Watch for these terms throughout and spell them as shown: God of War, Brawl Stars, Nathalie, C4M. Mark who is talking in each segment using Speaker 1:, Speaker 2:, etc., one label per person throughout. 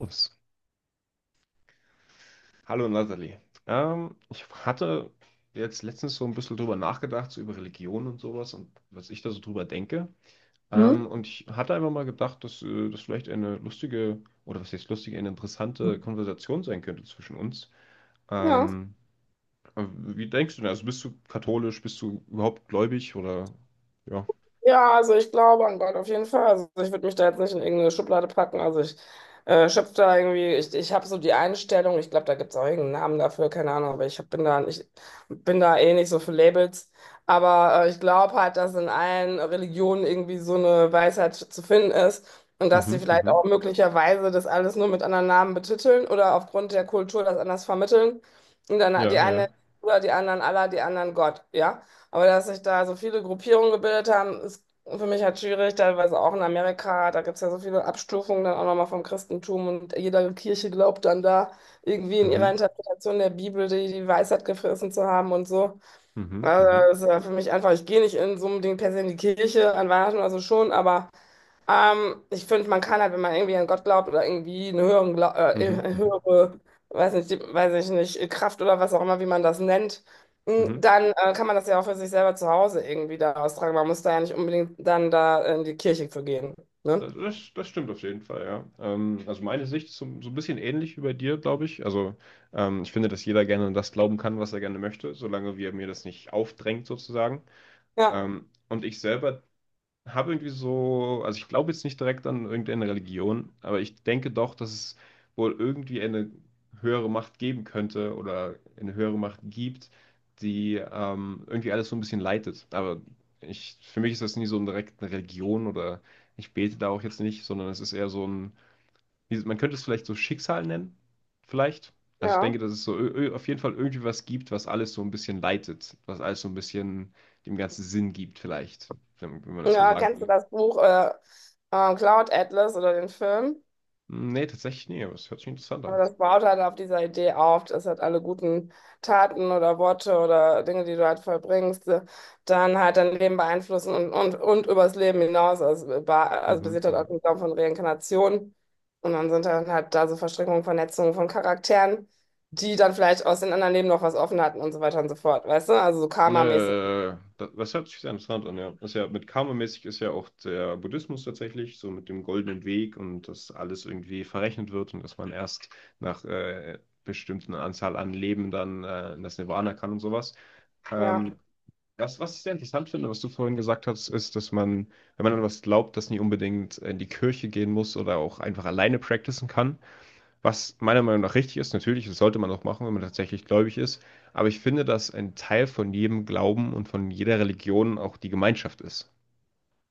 Speaker 1: Ups. Hallo Nathalie. Ich hatte jetzt letztens so ein bisschen drüber nachgedacht, so über Religion und sowas und was ich da so drüber denke.
Speaker 2: Hm?
Speaker 1: Und ich hatte einfach mal gedacht, dass das vielleicht eine lustige, oder was heißt lustige, eine interessante Konversation sein könnte zwischen uns.
Speaker 2: Ja.
Speaker 1: Ähm, Wie denkst du denn? Also bist du katholisch, bist du überhaupt gläubig oder ja?
Speaker 2: Ja, also ich glaube an Gott auf jeden Fall. Also ich würde mich da jetzt nicht in irgendeine Schublade packen. Also ich schöpfe da irgendwie, ich habe so die Einstellung, ich glaube, da gibt es auch irgendeinen Namen dafür, keine Ahnung, aber ich bin da eh nicht so für Labels. Aber ich glaube halt, dass in allen Religionen irgendwie so eine Weisheit zu finden ist und dass die
Speaker 1: Mhm,
Speaker 2: vielleicht auch
Speaker 1: mhm.
Speaker 2: möglicherweise das alles nur mit anderen Namen betiteln oder aufgrund der Kultur das anders vermitteln. Und dann
Speaker 1: Ja,
Speaker 2: die einen
Speaker 1: ja.
Speaker 2: oder die anderen Allah, die anderen Gott, ja. Aber dass sich da so viele Gruppierungen gebildet haben, ist für mich halt schwierig, teilweise auch in Amerika. Da gibt es ja so viele Abstufungen dann auch nochmal vom Christentum und jede Kirche glaubt dann da irgendwie in ihrer
Speaker 1: Mhm,
Speaker 2: Interpretation der Bibel die Weisheit gefressen zu haben und so.
Speaker 1: mhm,
Speaker 2: Also
Speaker 1: mhm,
Speaker 2: das ist ja für mich einfach, ich gehe nicht in so unbedingt per se in die Kirche an Weihnachten oder so schon, aber ich finde, man kann halt, wenn man irgendwie an Gott glaubt oder irgendwie
Speaker 1: mhm,
Speaker 2: eine
Speaker 1: mhm, mhm.
Speaker 2: höhere, weiß nicht, die, weiß ich nicht, Kraft oder was auch immer, wie man das nennt,
Speaker 1: Mhm.
Speaker 2: dann kann man das ja auch für sich selber zu Hause irgendwie da austragen. Man muss da ja nicht unbedingt dann da in die Kirche für gehen. Ne?
Speaker 1: Das stimmt auf jeden Fall, ja. Also meine Sicht ist so, so ein bisschen ähnlich wie bei dir, glaube ich. Also ich finde, dass jeder gerne an das glauben kann, was er gerne möchte, solange wir mir das nicht aufdrängt sozusagen.
Speaker 2: Ja,
Speaker 1: Und ich selber habe irgendwie so, also ich glaube jetzt nicht direkt an irgendeine Religion, aber ich denke doch, dass es wohl irgendwie eine höhere Macht geben könnte oder eine höhere Macht gibt, die irgendwie alles so ein bisschen leitet. Aber ich, für mich ist das nie so eine direkte Religion oder ich bete da auch jetzt nicht, sondern es ist eher so ein, man könnte es vielleicht so Schicksal nennen, vielleicht. Also ich
Speaker 2: ja.
Speaker 1: denke, dass es so auf jeden Fall irgendwie was gibt, was alles so ein bisschen leitet, was alles so ein bisschen dem Ganzen Sinn gibt, vielleicht, wenn man das so
Speaker 2: Ja,
Speaker 1: sagen
Speaker 2: kennst du
Speaker 1: will.
Speaker 2: das Buch Cloud Atlas oder den Film?
Speaker 1: Nee, tatsächlich nee, aber es hört sich interessant
Speaker 2: Aber
Speaker 1: an.
Speaker 2: das baut halt auf dieser Idee auf, dass halt alle guten Taten oder Worte oder Dinge, die du halt vollbringst, dann halt dein Leben beeinflussen und übers Leben hinaus. Also
Speaker 1: Mhm,
Speaker 2: basiert halt auf
Speaker 1: mhm.
Speaker 2: dem Glauben von Reinkarnation. Und dann sind dann halt da so Verstrickungen, Vernetzungen von Charakteren, die dann vielleicht aus den anderen Leben noch was offen hatten und so weiter und so fort. Weißt du? Also so karmamäßig.
Speaker 1: Das hört sich sehr interessant an, ja. Ist ja mit Karma-mäßig ist ja auch der Buddhismus tatsächlich, so mit dem goldenen Weg und dass alles irgendwie verrechnet wird und dass man erst nach bestimmten Anzahl an Leben dann in das Nirvana kann und sowas.
Speaker 2: Ja.
Speaker 1: Ähm, Das, was ich sehr interessant finde, was du vorhin gesagt hast, ist, dass man, wenn man an was glaubt, das nie unbedingt in die Kirche gehen muss oder auch einfach alleine practicen kann. Was meiner Meinung nach richtig ist, natürlich, das sollte man auch machen, wenn man tatsächlich gläubig ist. Aber ich finde, dass ein Teil von jedem Glauben und von jeder Religion auch die Gemeinschaft ist.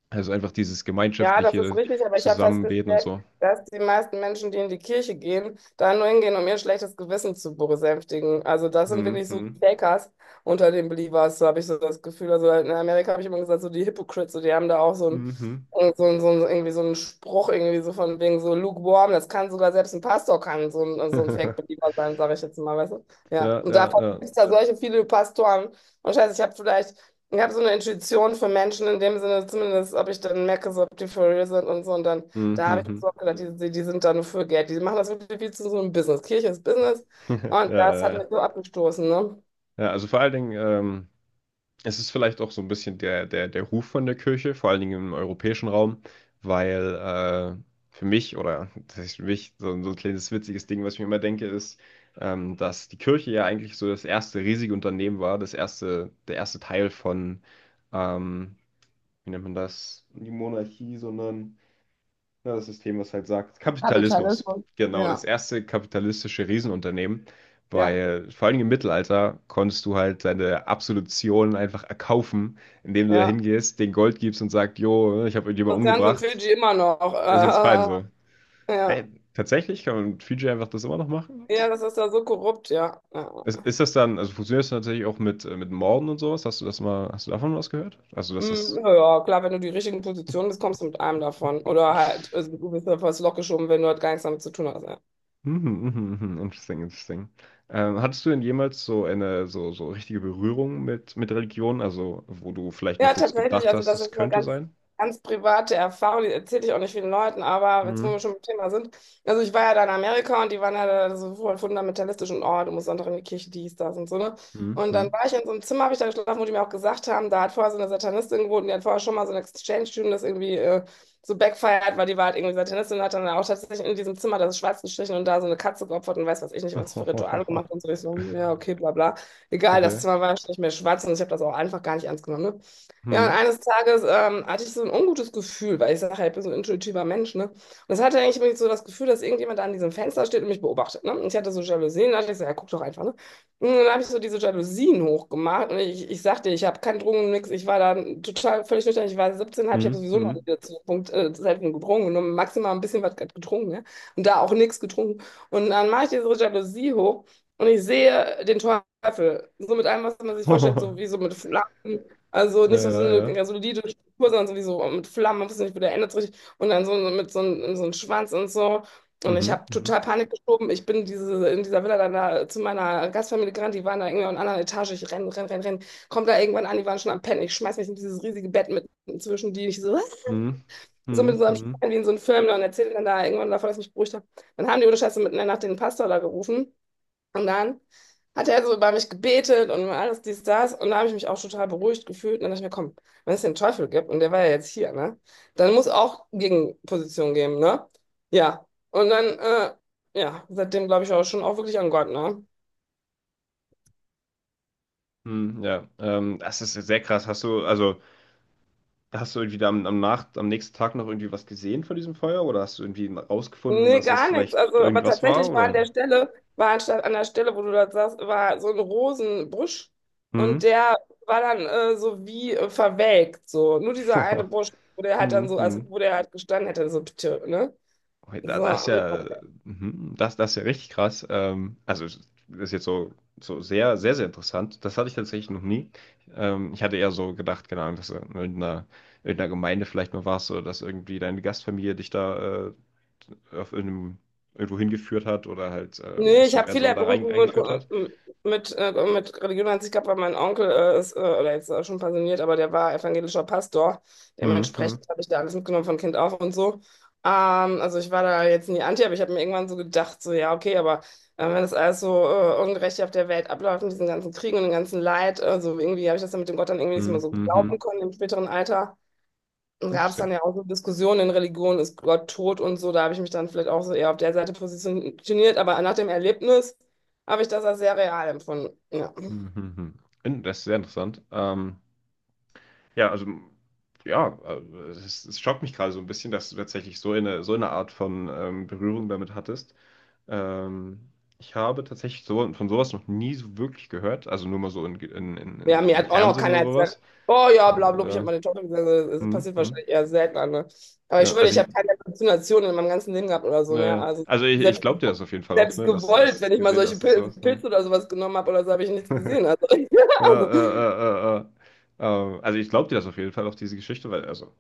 Speaker 1: Also einfach dieses
Speaker 2: Ja, das ist
Speaker 1: gemeinschaftliche
Speaker 2: richtig, aber ich habe
Speaker 1: Zusammenbeten und
Speaker 2: festgestellt,
Speaker 1: so.
Speaker 2: dass die meisten Menschen, die in die Kirche gehen, da nur hingehen, um ihr schlechtes Gewissen zu besänftigen. Also das sind wirklich so die
Speaker 1: Mhm.
Speaker 2: Fakers unter den Believers, so habe ich so das Gefühl. Also in Amerika habe ich immer gesagt, so die Hypocrites, so die haben da auch so ein,
Speaker 1: Mhm.
Speaker 2: so ein, so ein, irgendwie so einen Spruch, irgendwie so von wegen so lukewarm, das kann sogar selbst ein Pastor kann so ein Fake-Believer sein, sage ich jetzt mal, weißt du? Ja,
Speaker 1: Ja,
Speaker 2: und
Speaker 1: ja,
Speaker 2: da
Speaker 1: ja.
Speaker 2: gibt es da solche viele Pastoren. Und scheiße, ich habe so eine Intuition für Menschen in dem Sinne, zumindest, ob ich dann merke, so, ob die for real sind und so. Und dann, da habe ich mir
Speaker 1: Mhm.
Speaker 2: so auch gedacht, die sind da nur für Geld. Die machen das wirklich viel zu so einem Business. Kirche ist Business. Und
Speaker 1: Ja,
Speaker 2: das
Speaker 1: ja,
Speaker 2: hat
Speaker 1: ja.
Speaker 2: mich so abgestoßen, ne?
Speaker 1: Ja, also vor allen Dingen, es ist vielleicht auch so ein bisschen der Ruf von der Kirche, vor allen Dingen im europäischen Raum, weil, äh, für mich oder was heißt für mich, so ein so 'n kleines witziges Ding, was ich mir immer denke, ist, dass die Kirche ja eigentlich so das erste riesige Unternehmen war, das erste der erste Teil von, ähm, wie nennt man das? Nicht Monarchie, sondern ja, das System, was halt sagt, Kapitalismus.
Speaker 2: Kapitalismus.
Speaker 1: Genau, das
Speaker 2: Ja.
Speaker 1: erste kapitalistische Riesenunternehmen,
Speaker 2: Ja,
Speaker 1: weil vor allem im Mittelalter konntest du halt deine Absolution einfach erkaufen, indem du da
Speaker 2: ja.
Speaker 1: hingehst, den Gold gibst und sagst, jo, ich habe irgendjemanden
Speaker 2: Das Ganze in
Speaker 1: umgebracht,
Speaker 2: Fidschi immer
Speaker 1: ist jetzt fein
Speaker 2: noch.
Speaker 1: so.
Speaker 2: Ja.
Speaker 1: Ey, tatsächlich kann man mit Fiji einfach das immer noch machen?
Speaker 2: Ja,
Speaker 1: Was?
Speaker 2: das ist da so korrupt, ja. Ja,
Speaker 1: Ist das dann, also funktioniert das tatsächlich auch mit Morden und sowas? Hast du das mal, hast du davon was gehört? Also, dass das
Speaker 2: Na ja, klar, wenn du die richtigen Positionen bist, kommst du mit einem davon. Oder halt, also, du bist einfach ins geschoben, wenn du halt gar nichts damit zu tun hast. Ja.
Speaker 1: mhm, mhm, mhm. Interesting, interesting. Hattest du denn jemals so eine so, so richtige Berührung mit Religion, also wo du vielleicht mal
Speaker 2: Ja,
Speaker 1: kurz
Speaker 2: tatsächlich.
Speaker 1: gedacht
Speaker 2: Also
Speaker 1: hast,
Speaker 2: das
Speaker 1: es
Speaker 2: ist eine
Speaker 1: könnte
Speaker 2: ganz,
Speaker 1: sein?
Speaker 2: ganz private Erfahrung, die erzähle ich auch nicht vielen Leuten, aber jetzt, wo wir
Speaker 1: Mhm.
Speaker 2: schon beim Thema sind. Also ich war ja da in Amerika und die waren ja da so voll fundamentalistisch und oh, du musst Sonntag in die Kirche, dies, das und so, ne?
Speaker 1: Mhm.
Speaker 2: Und dann
Speaker 1: Mhm.
Speaker 2: war ich in so einem Zimmer, habe ich da geschlafen, wo die mir auch gesagt haben, da hat vorher so eine Satanistin gewohnt, und die hat vorher schon mal so eine Exchange-Student, das irgendwie so backfired, weil die war halt irgendwie Satanistin und hat dann auch tatsächlich in diesem Zimmer, das ist schwarz gestrichen und da so eine Katze geopfert und weiß was ich nicht, was für Rituale gemacht und so. Ich so, hm, ja, okay, bla bla. Egal, das
Speaker 1: Okay.
Speaker 2: Zimmer war nicht mehr schwarz und ich habe das auch einfach gar nicht ernst genommen. Ne? Ja, und
Speaker 1: Mhm.
Speaker 2: eines Tages hatte ich so ein ungutes Gefühl, weil ich sage, ja, ich bin so ein intuitiver Mensch, ne? Und es hatte eigentlich immer so das Gefühl, dass irgendjemand da an diesem Fenster steht und mich beobachtet, ne? Und ich hatte so Jalousien, da dachte ich so, ja, guck doch einfach, ne? Und dann habe ich so diese Jalousien hochgemacht und ich sagte, ich habe keinen Drogen, nix, ich war da total völlig nüchtern, ich war 17,5, ich habe
Speaker 1: Mhm.
Speaker 2: sowieso noch
Speaker 1: Mhm.
Speaker 2: nie zu dem Punkt selten getrunken, nur maximal ein bisschen was getrunken, ne? Und da auch nichts getrunken. Und dann mache ich diese Jalousie hoch und ich sehe den Teufel, so mit allem, was man sich vorstellt, so wie so mit Flammen. Also
Speaker 1: Ja,
Speaker 2: nicht so
Speaker 1: ja, ja.
Speaker 2: eine solide Struktur, sondern sowieso mit Flammen, man wusste nicht, wo der endet so richtig. Und dann so mit so einem Schwanz und so. Und ich
Speaker 1: Mhm.
Speaker 2: habe
Speaker 1: Mhm.
Speaker 2: total Panik geschoben. Ich bin in dieser Villa dann da zu meiner Gastfamilie gerannt. Die waren da irgendwie in einer anderen Etage. Ich renne, renne, renne, renne, komm da irgendwann an, die waren schon am Pennen. Ich schmeiß mich in dieses riesige Bett mit zwischen die. Ich so, "Was?"
Speaker 1: Mhm.
Speaker 2: so mit
Speaker 1: Mhm.
Speaker 2: so einem
Speaker 1: Mhm.
Speaker 2: Stein wie in so einem Film. Und erzähle dann da irgendwann davon, dass ich mich beruhigt habe. Dann haben die ohne Scheiße mitten in der Nacht den Pastor da gerufen. Und dann hat er so über mich gebetet und alles dies, das. Und da habe ich mich auch total beruhigt gefühlt. Und dann dachte ich mir, komm, wenn es den Teufel gibt, und der war ja jetzt hier, ne? Dann muss auch Gegenposition geben, ne? Ja. Und dann, ja, seitdem glaube ich auch schon auch wirklich an Gott, ne?
Speaker 1: Mhm. Ja, das ist ja sehr krass. Hast du, also, hast du irgendwie da am, am Nacht, am nächsten Tag noch irgendwie was gesehen von diesem Feuer oder hast du irgendwie rausgefunden,
Speaker 2: Nee,
Speaker 1: dass das
Speaker 2: gar nichts.
Speaker 1: vielleicht
Speaker 2: Also, aber
Speaker 1: irgendwas war,
Speaker 2: tatsächlich
Speaker 1: oder?
Speaker 2: war anstatt an der Stelle, wo du das sagst, war so ein Rosenbusch. Und
Speaker 1: Mhm.
Speaker 2: der war dann so wie verwelkt, so. Nur dieser eine Busch, wo der halt dann
Speaker 1: Mhm.
Speaker 2: so, also
Speaker 1: Mhm.
Speaker 2: wo der halt gestanden hätte, so, tö, ne? So,
Speaker 1: Das ist ja, mhm, das, das ist ja richtig krass. Also, das ist jetzt so, so sehr, sehr, sehr interessant. Das hatte ich tatsächlich noch nie. Ich hatte eher so gedacht, keine Ahnung, dass du in irgendeiner, irgendeiner Gemeinde vielleicht mal warst oder dass irgendwie deine Gastfamilie dich da auf irgendeinem, irgendwo hingeführt hat oder halt ein
Speaker 2: nee, ich
Speaker 1: bisschen
Speaker 2: habe
Speaker 1: mehr so
Speaker 2: viele
Speaker 1: da rein
Speaker 2: Berührungen mit,
Speaker 1: eingeführt hat.
Speaker 2: mit Religion an sich gehabt, weil mein Onkel oder jetzt schon pensioniert, aber der war evangelischer Pastor.
Speaker 1: Mhm. Mhm.
Speaker 2: Dementsprechend habe ich da alles mitgenommen von Kind auf und so. Also ich war da jetzt nie anti, aber ich habe mir irgendwann so gedacht, so ja, okay, aber wenn das alles so ungerecht auf der Welt abläuft, mit diesen ganzen Kriegen und dem ganzen Leid, also irgendwie habe ich das dann mit dem Gott dann irgendwie nicht mehr
Speaker 1: Mhm.
Speaker 2: so glauben
Speaker 1: Mhm.
Speaker 2: können im späteren Alter. Gab es dann
Speaker 1: Interesting.
Speaker 2: ja auch so Diskussionen in Religion, ist Gott tot und so. Da habe ich mich dann vielleicht auch so eher auf der Seite positioniert, aber nach dem Erlebnis habe ich das als sehr real empfunden. Ja.
Speaker 1: Mhm. Mhm. Das ist sehr interessant. Ja, also ja, es, es schockt mich gerade so ein bisschen, dass du tatsächlich so eine Art von Berührung damit hattest. Ähm, Ich habe tatsächlich so, von sowas noch nie so wirklich gehört, also nur mal so
Speaker 2: Ja, mir
Speaker 1: im
Speaker 2: hat auch noch
Speaker 1: Fernsehen
Speaker 2: keiner
Speaker 1: oder
Speaker 2: erzählt,
Speaker 1: sowas.
Speaker 2: oh ja, bla
Speaker 1: Aber
Speaker 2: bla, ich habe meine Tochter gesagt. Also, das
Speaker 1: hm,
Speaker 2: passiert
Speaker 1: hm,
Speaker 2: wahrscheinlich eher selten, ne? Aber ich
Speaker 1: ja,
Speaker 2: schwöre, ich habe keine Halluzination in meinem ganzen Leben gehabt oder so. Ne? Also
Speaker 1: also ich
Speaker 2: selbst,
Speaker 1: glaube dir das auf jeden Fall auch,
Speaker 2: selbst
Speaker 1: ne, dass
Speaker 2: gewollt, wenn
Speaker 1: das
Speaker 2: ich mal
Speaker 1: gesehen,
Speaker 2: solche
Speaker 1: dass es
Speaker 2: Pil
Speaker 1: sowas. Ne?
Speaker 2: Pilze oder sowas genommen habe oder so, habe ich nichts gesehen. Also,
Speaker 1: Äh, äh,
Speaker 2: also
Speaker 1: äh, äh, äh. Also ich glaube dir das auf jeden Fall, auch diese Geschichte, weil, also,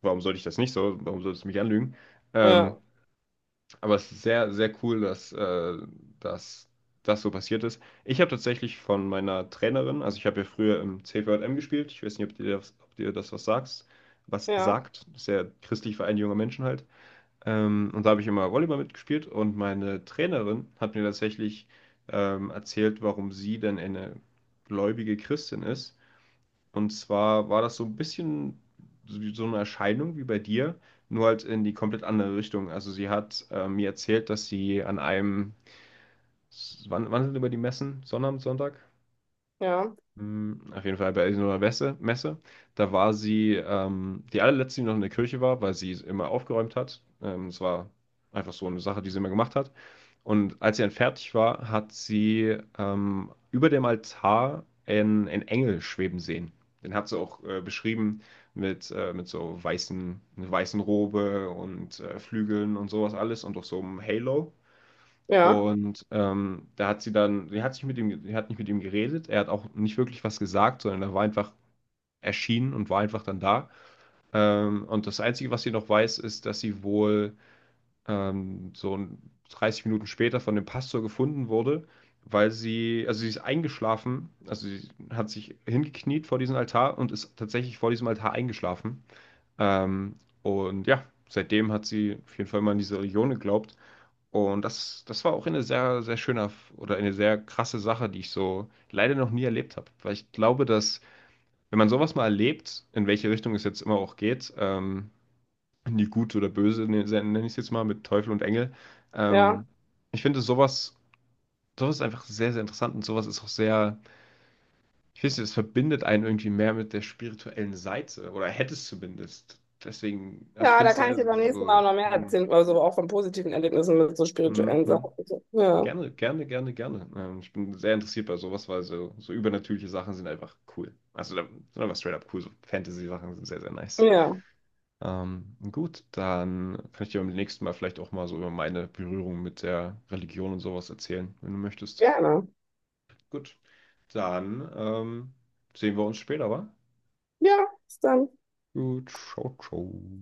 Speaker 1: warum sollte ich das nicht so? Warum solltest du mich anlügen? Ähm,
Speaker 2: ja,
Speaker 1: Aber es ist sehr, sehr cool, dass, dass das so passiert ist. Ich habe tatsächlich von meiner Trainerin, also ich habe ja früher im C4M gespielt, ich weiß nicht, ob dir das was sagst, was
Speaker 2: ja,
Speaker 1: sagt, das ist ja christlich Verein junger Menschen halt. Und da habe ich immer Volleyball mitgespielt und meine Trainerin hat mir tatsächlich erzählt, warum sie denn eine gläubige Christin ist und zwar war das so ein bisschen so so eine Erscheinung wie bei dir, nur halt in die komplett andere Richtung. Also sie hat mir erzählt, dass sie an einem, wann, wann sind über die Messen? Sonnabend, Sonntag?
Speaker 2: ja,
Speaker 1: Hm, auf jeden Fall bei irgendeiner Messe. Da war sie die allerletzte, die noch in der Kirche war, weil sie immer aufgeräumt hat. Es war einfach so eine Sache, die sie immer gemacht hat. Und als sie dann fertig war, hat sie über dem Altar einen Engel schweben sehen. Den hat sie auch beschrieben mit so weißen, einer weißen Robe und Flügeln und sowas alles und auch so einem Halo.
Speaker 2: ja,
Speaker 1: Und da hat sie dann, sie hat sich mit ihm, sie hat nicht mit ihm geredet, er hat auch nicht wirklich was gesagt, sondern er war einfach erschienen und war einfach dann da. Und das Einzige, was sie noch weiß, ist, dass sie wohl ähm, so ein- 30 Minuten später von dem Pastor gefunden wurde, weil sie, also sie ist eingeschlafen, also sie hat sich hingekniet vor diesem Altar und ist tatsächlich vor diesem Altar eingeschlafen. Ähm, und ja, seitdem hat sie auf jeden Fall mal an diese Religion geglaubt. Und das war auch eine sehr, sehr schöne oder eine sehr krasse Sache, die ich so leider noch nie erlebt habe. Weil ich glaube, dass, wenn man sowas mal erlebt, in welche Richtung es jetzt immer auch geht, in die Gut oder Böse, nenne ich es jetzt mal, mit Teufel und Engel.
Speaker 2: ja.
Speaker 1: Ähm, Ich finde sowas, sowas ist einfach sehr, sehr interessant und sowas ist auch sehr, ich weiß nicht, das verbindet einen irgendwie mehr mit der spirituellen Seite oder hätte es zumindest. Deswegen, also ich
Speaker 2: Ja,
Speaker 1: finde
Speaker 2: da
Speaker 1: es
Speaker 2: kann
Speaker 1: sehr
Speaker 2: ich dir beim nächsten Mal
Speaker 1: so,
Speaker 2: auch noch mehr erzählen, also auch von positiven Erlebnissen mit so
Speaker 1: hm,
Speaker 2: spirituellen Sachen.
Speaker 1: hm.
Speaker 2: So. Ja,
Speaker 1: Gerne, gerne, gerne, gerne. Ich bin sehr interessiert bei sowas, weil so, so übernatürliche Sachen sind einfach cool. Also, sind einfach straight up cool. So Fantasy-Sachen sind sehr, sehr nice.
Speaker 2: ja,
Speaker 1: Gut, dann kann ich dir beim nächsten Mal vielleicht auch mal so über meine Berührung mit der Religion und sowas erzählen, wenn du möchtest.
Speaker 2: gerne.
Speaker 1: Gut, dann sehen wir uns später, wa?
Speaker 2: Ja, bis dann.
Speaker 1: Gut, ciao, ciao.